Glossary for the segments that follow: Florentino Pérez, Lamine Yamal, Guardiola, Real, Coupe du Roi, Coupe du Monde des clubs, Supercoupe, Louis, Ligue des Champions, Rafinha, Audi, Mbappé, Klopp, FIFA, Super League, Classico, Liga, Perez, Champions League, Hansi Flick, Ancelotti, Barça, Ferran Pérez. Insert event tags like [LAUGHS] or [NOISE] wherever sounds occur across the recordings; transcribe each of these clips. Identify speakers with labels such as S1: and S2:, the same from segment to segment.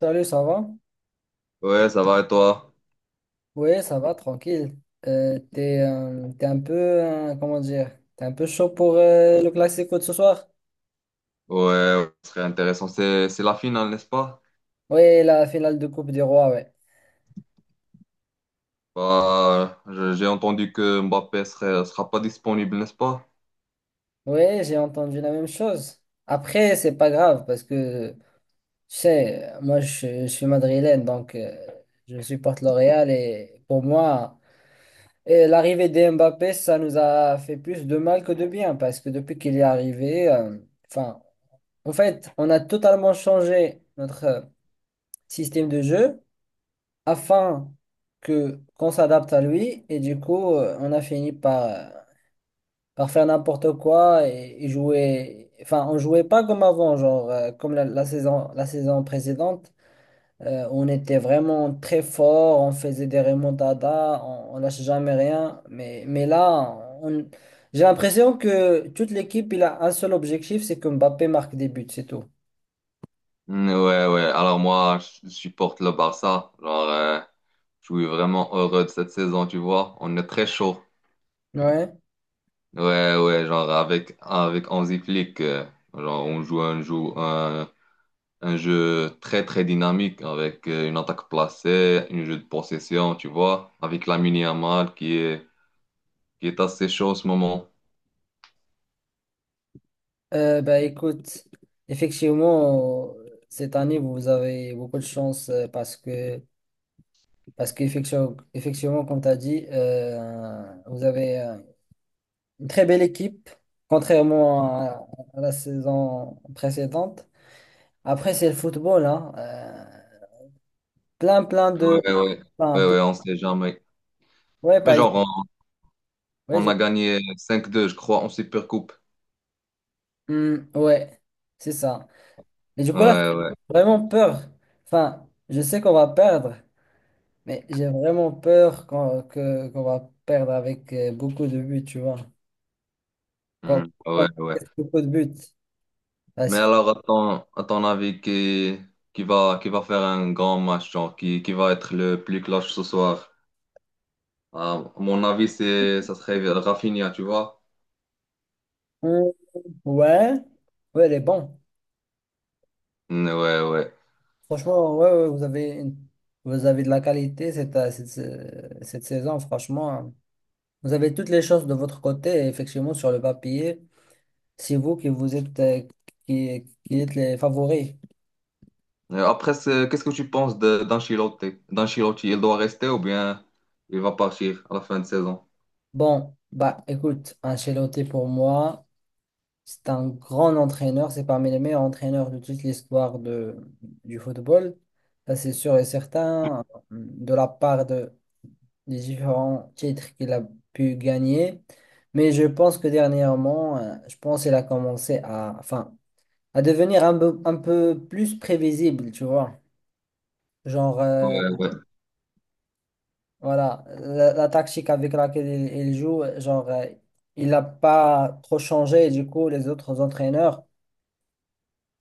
S1: Salut, ça va?
S2: Ouais, ça va et toi?
S1: Oui, ça va, tranquille. T'es un peu, comment dire, t'es un peu chaud pour le classico de ce soir?
S2: Ouais, ouais, ce serait intéressant. C'est la finale, n'est-ce pas?
S1: Oui, la finale de Coupe du Roi, ouais.
S2: Bah, j'ai entendu que Mbappé serait, sera pas disponible, n'est-ce pas?
S1: Oui, j'ai entendu la même chose. Après, c'est pas grave parce que, tu sais, moi je suis madrilène, donc je supporte le Real et pour moi, et l'arrivée de Mbappé, ça nous a fait plus de mal que de bien parce que depuis qu'il est arrivé, enfin, en fait, on a totalement changé notre système de jeu afin que qu'on s'adapte à lui, et du coup on a fini par, par faire n'importe quoi, et jouer, enfin, on jouait pas comme avant, genre comme la saison précédente. On était vraiment très fort, on faisait des remontadas, on lâchait jamais rien, mais là on- j'ai l'impression que toute l'équipe il a un seul objectif, c'est que Mbappé marque des buts, c'est tout.
S2: Mm. Ouais, ouais. Alors moi, je supporte le Barça. Genre, je suis vraiment heureux de cette saison, tu vois. On est très chaud.
S1: Ouais.
S2: Ouais, ouais, genre avec, avec Hansi Flick, genre on joue un jeu très très dynamique avec une attaque placée, un jeu de possession, tu vois, avec Lamine Yamal qui est assez chaud en ce moment.
S1: Bah, écoute, effectivement, cette année, vous avez beaucoup de chance parce qu'effectivement, comme tu as dit, vous avez une très belle équipe, contrairement à la saison précédente. Après, c'est le football, hein. Plein de...
S2: Ouais, ouais,
S1: enfin,
S2: ouais, ouais, on sait jamais.
S1: ouais,
S2: Mais
S1: par exemple.
S2: genre,
S1: Ouais,
S2: on
S1: du-
S2: a gagné 5-2, je crois, en Supercoupe.
S1: Ouais, c'est ça. Et du coup, là,
S2: Ouais,
S1: c'est
S2: ouais.
S1: vraiment peur. Enfin, je sais qu'on va perdre. Mais j'ai vraiment peur qu'on va perdre avec beaucoup de buts, tu vois. Quand,
S2: Mhm.
S1: quand
S2: Ouais, ouais.
S1: il y a beaucoup de buts.
S2: Mais
S1: Parce que...
S2: alors, à ton avis, qui va faire un grand match, genre, qui va être le plus clutch ce soir? Ah, à mon avis, c'est, ça serait Rafinha, tu vois?
S1: Hum, ouais, ouais, elle est bon.
S2: Mm. Ouais, ouais.
S1: Franchement, ouais, ouais, vous avez de la qualité cette saison, franchement. Vous avez toutes les chances de votre côté, et effectivement, sur le papier. C'est vous qui qui êtes les favoris.
S2: Après, qu'est-ce que tu penses d'Ancelotti? D'Ancelotti, il doit rester ou bien il va partir à la fin de saison?
S1: Bon, bah, écoute, Ancelotti pour moi, c'est un grand entraîneur, c'est parmi les meilleurs entraîneurs de toute l'histoire du football. Ça, c'est sûr et certain, de la part des différents titres qu'il a pu gagner. Mais je pense que dernièrement, je pense qu'il a commencé à, enfin, à devenir un peu, plus prévisible, tu vois. Genre,
S2: Ouais, ouais.
S1: voilà, la tactique avec laquelle il joue, genre, il n'a pas trop changé. Et du coup, les autres entraîneurs,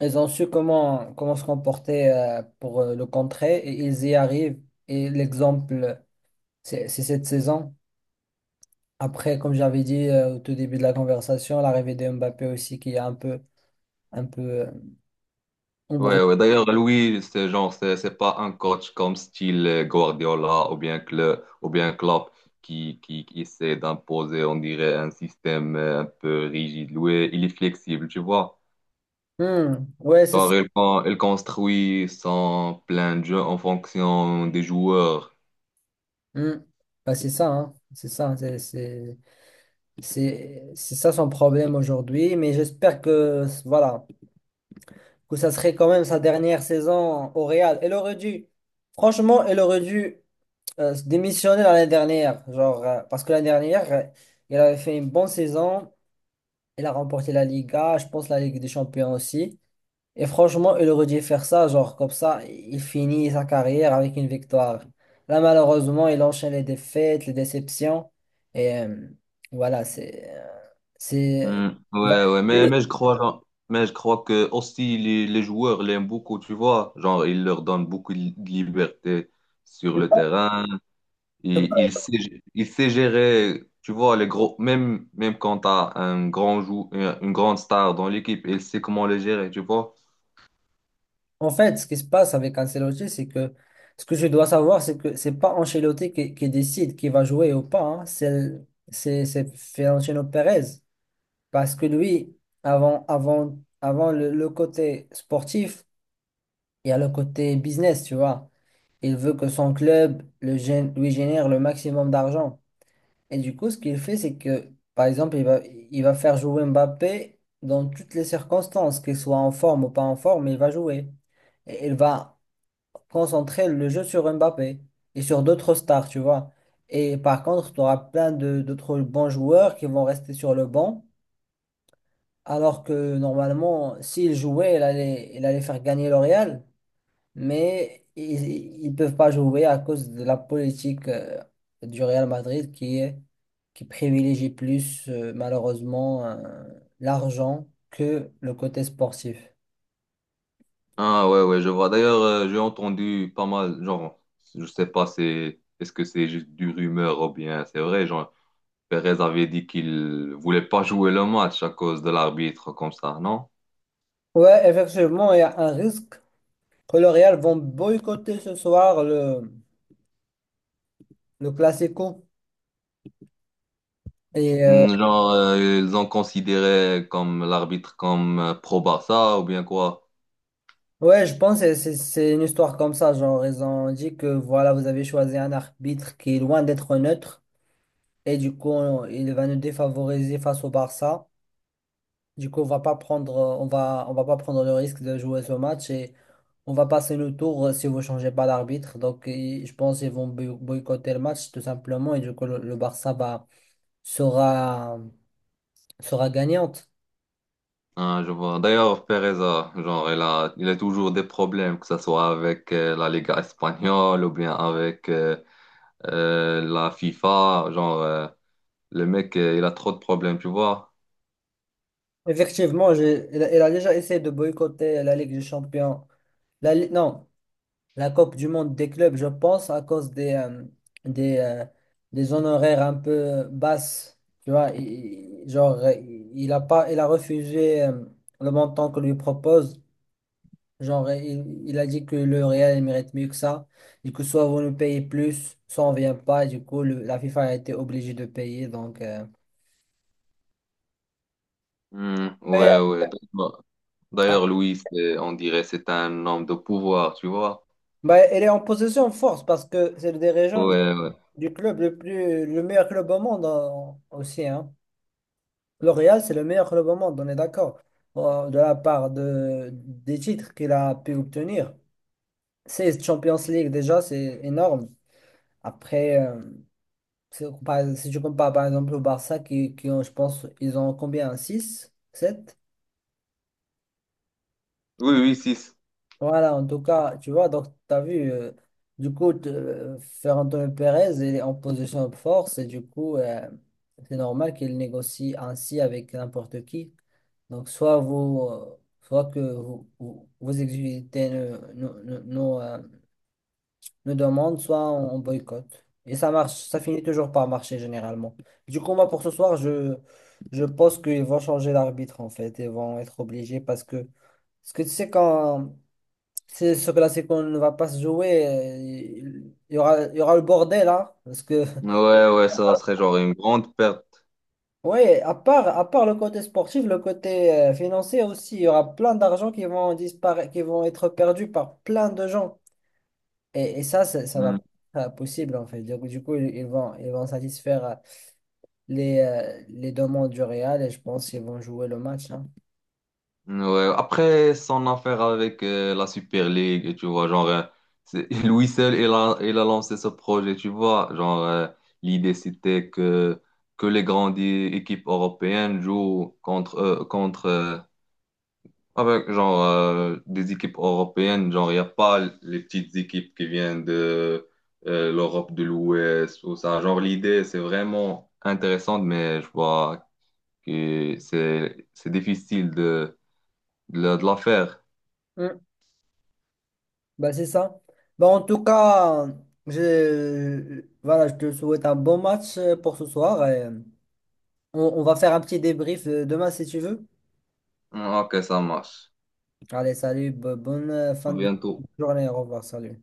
S1: ils ont su comment se comporter pour le contrer, et ils y arrivent. Et l'exemple, c'est cette saison. Après, comme j'avais dit au tout début de la conversation, l'arrivée de Mbappé aussi qui est un peu, un peu embrouillé.
S2: Ouais, ouais. D'ailleurs, lui, c'est genre, c'est pas un coach comme style Guardiola ou bien Klopp, qui essaie d'imposer, on dirait, un système un peu rigide. Lui, il est flexible, tu vois.
S1: Hmm. Ouais, c'est ça.
S2: Genre, il construit son plein de jeux en fonction des joueurs.
S1: Hmm. Bah, c'est ça, hein. C'est ça, hein. C'est ça son problème aujourd'hui. Mais j'espère que, voilà, que ça serait quand même sa dernière saison au Real. Elle aurait dû, franchement, elle aurait dû démissionné l'année dernière, genre, parce que l'année dernière, il avait fait une bonne saison, il a remporté la Liga, je pense la Ligue des Champions aussi. Et franchement, il aurait dû faire ça, genre, comme ça, il finit sa carrière avec une victoire. Là, malheureusement, il enchaîne les défaites, les déceptions, et voilà, c'est.
S2: Hmm.
S1: il va-
S2: Ouais, ouais, mais je crois, mais je crois que aussi les joueurs l'aiment beaucoup, tu vois. Genre, il leur donne beaucoup de liberté sur le terrain. Il,
S1: Je
S2: il sait, il sait gérer, tu vois, les gros, même quand tu as un grand une grande star dans l'équipe, il sait comment les gérer, tu vois.
S1: En fait, ce qui se passe avec Ancelotti, c'est que ce que je dois savoir, c'est que c'est pas Ancelotti qui décide qui va jouer ou pas, hein. C'est Florentino Pérez, parce que lui, avant le côté sportif, il y a le côté business, tu vois. Il veut que son club lui génère le maximum d'argent. Et du coup, ce qu'il fait, c'est que, par exemple, il va faire jouer Mbappé dans toutes les circonstances, qu'il soit en forme ou pas en forme, il va jouer. Et il va concentrer le jeu sur Mbappé et sur d'autres stars, tu vois. Et par contre, tu auras plein de d'autres bons joueurs qui vont rester sur le banc, alors que normalement, s'ils jouaient, il allait faire gagner le Real, mais ils ne peuvent pas jouer à cause de la politique du Real Madrid qui privilégie plus, malheureusement, l'argent que le côté sportif.
S2: Ah ouais, ouais, je vois. D'ailleurs, j'ai entendu pas mal, genre, je sais pas, c'est, est-ce que c'est juste du rumeur ou bien c'est vrai, genre, Perez avait dit qu'il voulait pas jouer le match à cause de l'arbitre comme ça, non?
S1: Ouais, effectivement, il y a un risque que le Real vont boycotter ce soir le Classico. Et
S2: Hmm. Genre, ils ont considéré comme l'arbitre comme pro-Barça ou bien quoi?
S1: ouais, je pense que c'est une histoire comme ça. Genre, ils ont dit que voilà, vous avez choisi un arbitre qui est loin d'être neutre. Et du coup, il va nous défavoriser face au Barça. Du coup, on va pas prendre le risque de jouer ce match, et on va passer le tour si vous changez pas d'arbitre. Donc, je pense qu'ils vont boycotter le match tout simplement. Et du coup, le Barça sera, sera gagnante.
S2: Ah, je vois. D'ailleurs, Pereza, genre, il a toujours des problèmes, que ce soit avec la Liga espagnole ou bien avec la FIFA. Genre, le mec, il a trop de problèmes, tu vois.
S1: Effectivement, elle a déjà essayé de boycotter la Ligue des Champions. Non, la Coupe du Monde des clubs, je pense, à cause des, euh, des honoraires un peu basses. Tu vois, genre, il a pas, il a refusé le montant que lui propose. Genre, il a dit que le Real, il mérite mieux que ça. Du coup, soit vous nous payez plus, soit on vient pas. Et du coup, la FIFA a été obligée de payer. Donc,
S2: Hmm, ouais,
S1: ouais.
S2: ouais. Donc, bah, d'ailleurs, Louis, on dirait c'est un homme de pouvoir, tu vois.
S1: Bah, elle est en possession de force parce que c'est le dirigeant
S2: Ouais, ouais.
S1: du club le meilleur club au monde, hein, aussi, hein. Le Real, c'est le meilleur club au monde, on est d'accord. Bon, de la part des titres qu'il a pu obtenir. 16 Champions League, déjà, c'est énorme. Après, si tu compares par exemple au Barça, qui ont, je pense, ils ont combien? Six, sept?
S2: Oui, oui, six.
S1: Voilà, en tout cas, tu vois, donc tu as vu, du coup, Ferran Pérez, il est en position de force, et du coup, c'est normal qu'il négocie ainsi avec n'importe qui. Donc, soit que vous exécutez nos demandes, soit on boycotte. Et ça marche, ça finit toujours par marcher généralement. Du coup, moi, pour ce soir, je pense qu'ils vont changer l'arbitre en fait, et vont être obligés parce que... Parce que tu sais, c'est, ce classico ne va pas se jouer. Il y aura le bordel, là. Parce que... [LAUGHS]
S2: Ouais, ouais, ça serait genre une grande perte.
S1: oui, à part, le côté sportif, le côté financier aussi, il y aura plein d'argent qui vont disparaître, qui vont être perdus par plein de gens. Et ça va pas être possible, en fait. Donc, du coup, ils vont satisfaire les demandes du Real, et je pense qu'ils vont jouer le match, hein.
S2: Ouais, après son affaire avec la Super League, tu vois, genre, c'est- [LAUGHS] lui seul, il a lancé ce projet, tu vois. Genre, l'idée, c'était que les grandes équipes européennes jouent contre, avec, genre, des équipes européennes. Genre, il n'y a pas les petites équipes qui viennent de l'Europe de l'Ouest ou ça. Genre, l'idée, c'est vraiment intéressante, mais je vois que c'est difficile de, de la faire.
S1: Mm. Bah, c'est ça. Bah, en tout cas, voilà, je te souhaite un bon match pour ce soir. Et on va faire un petit débrief demain si tu veux.
S2: Mm. Ok, ça marche.
S1: Allez, salut, bonne
S2: À
S1: fin de
S2: bientôt.
S1: journée, au revoir, salut.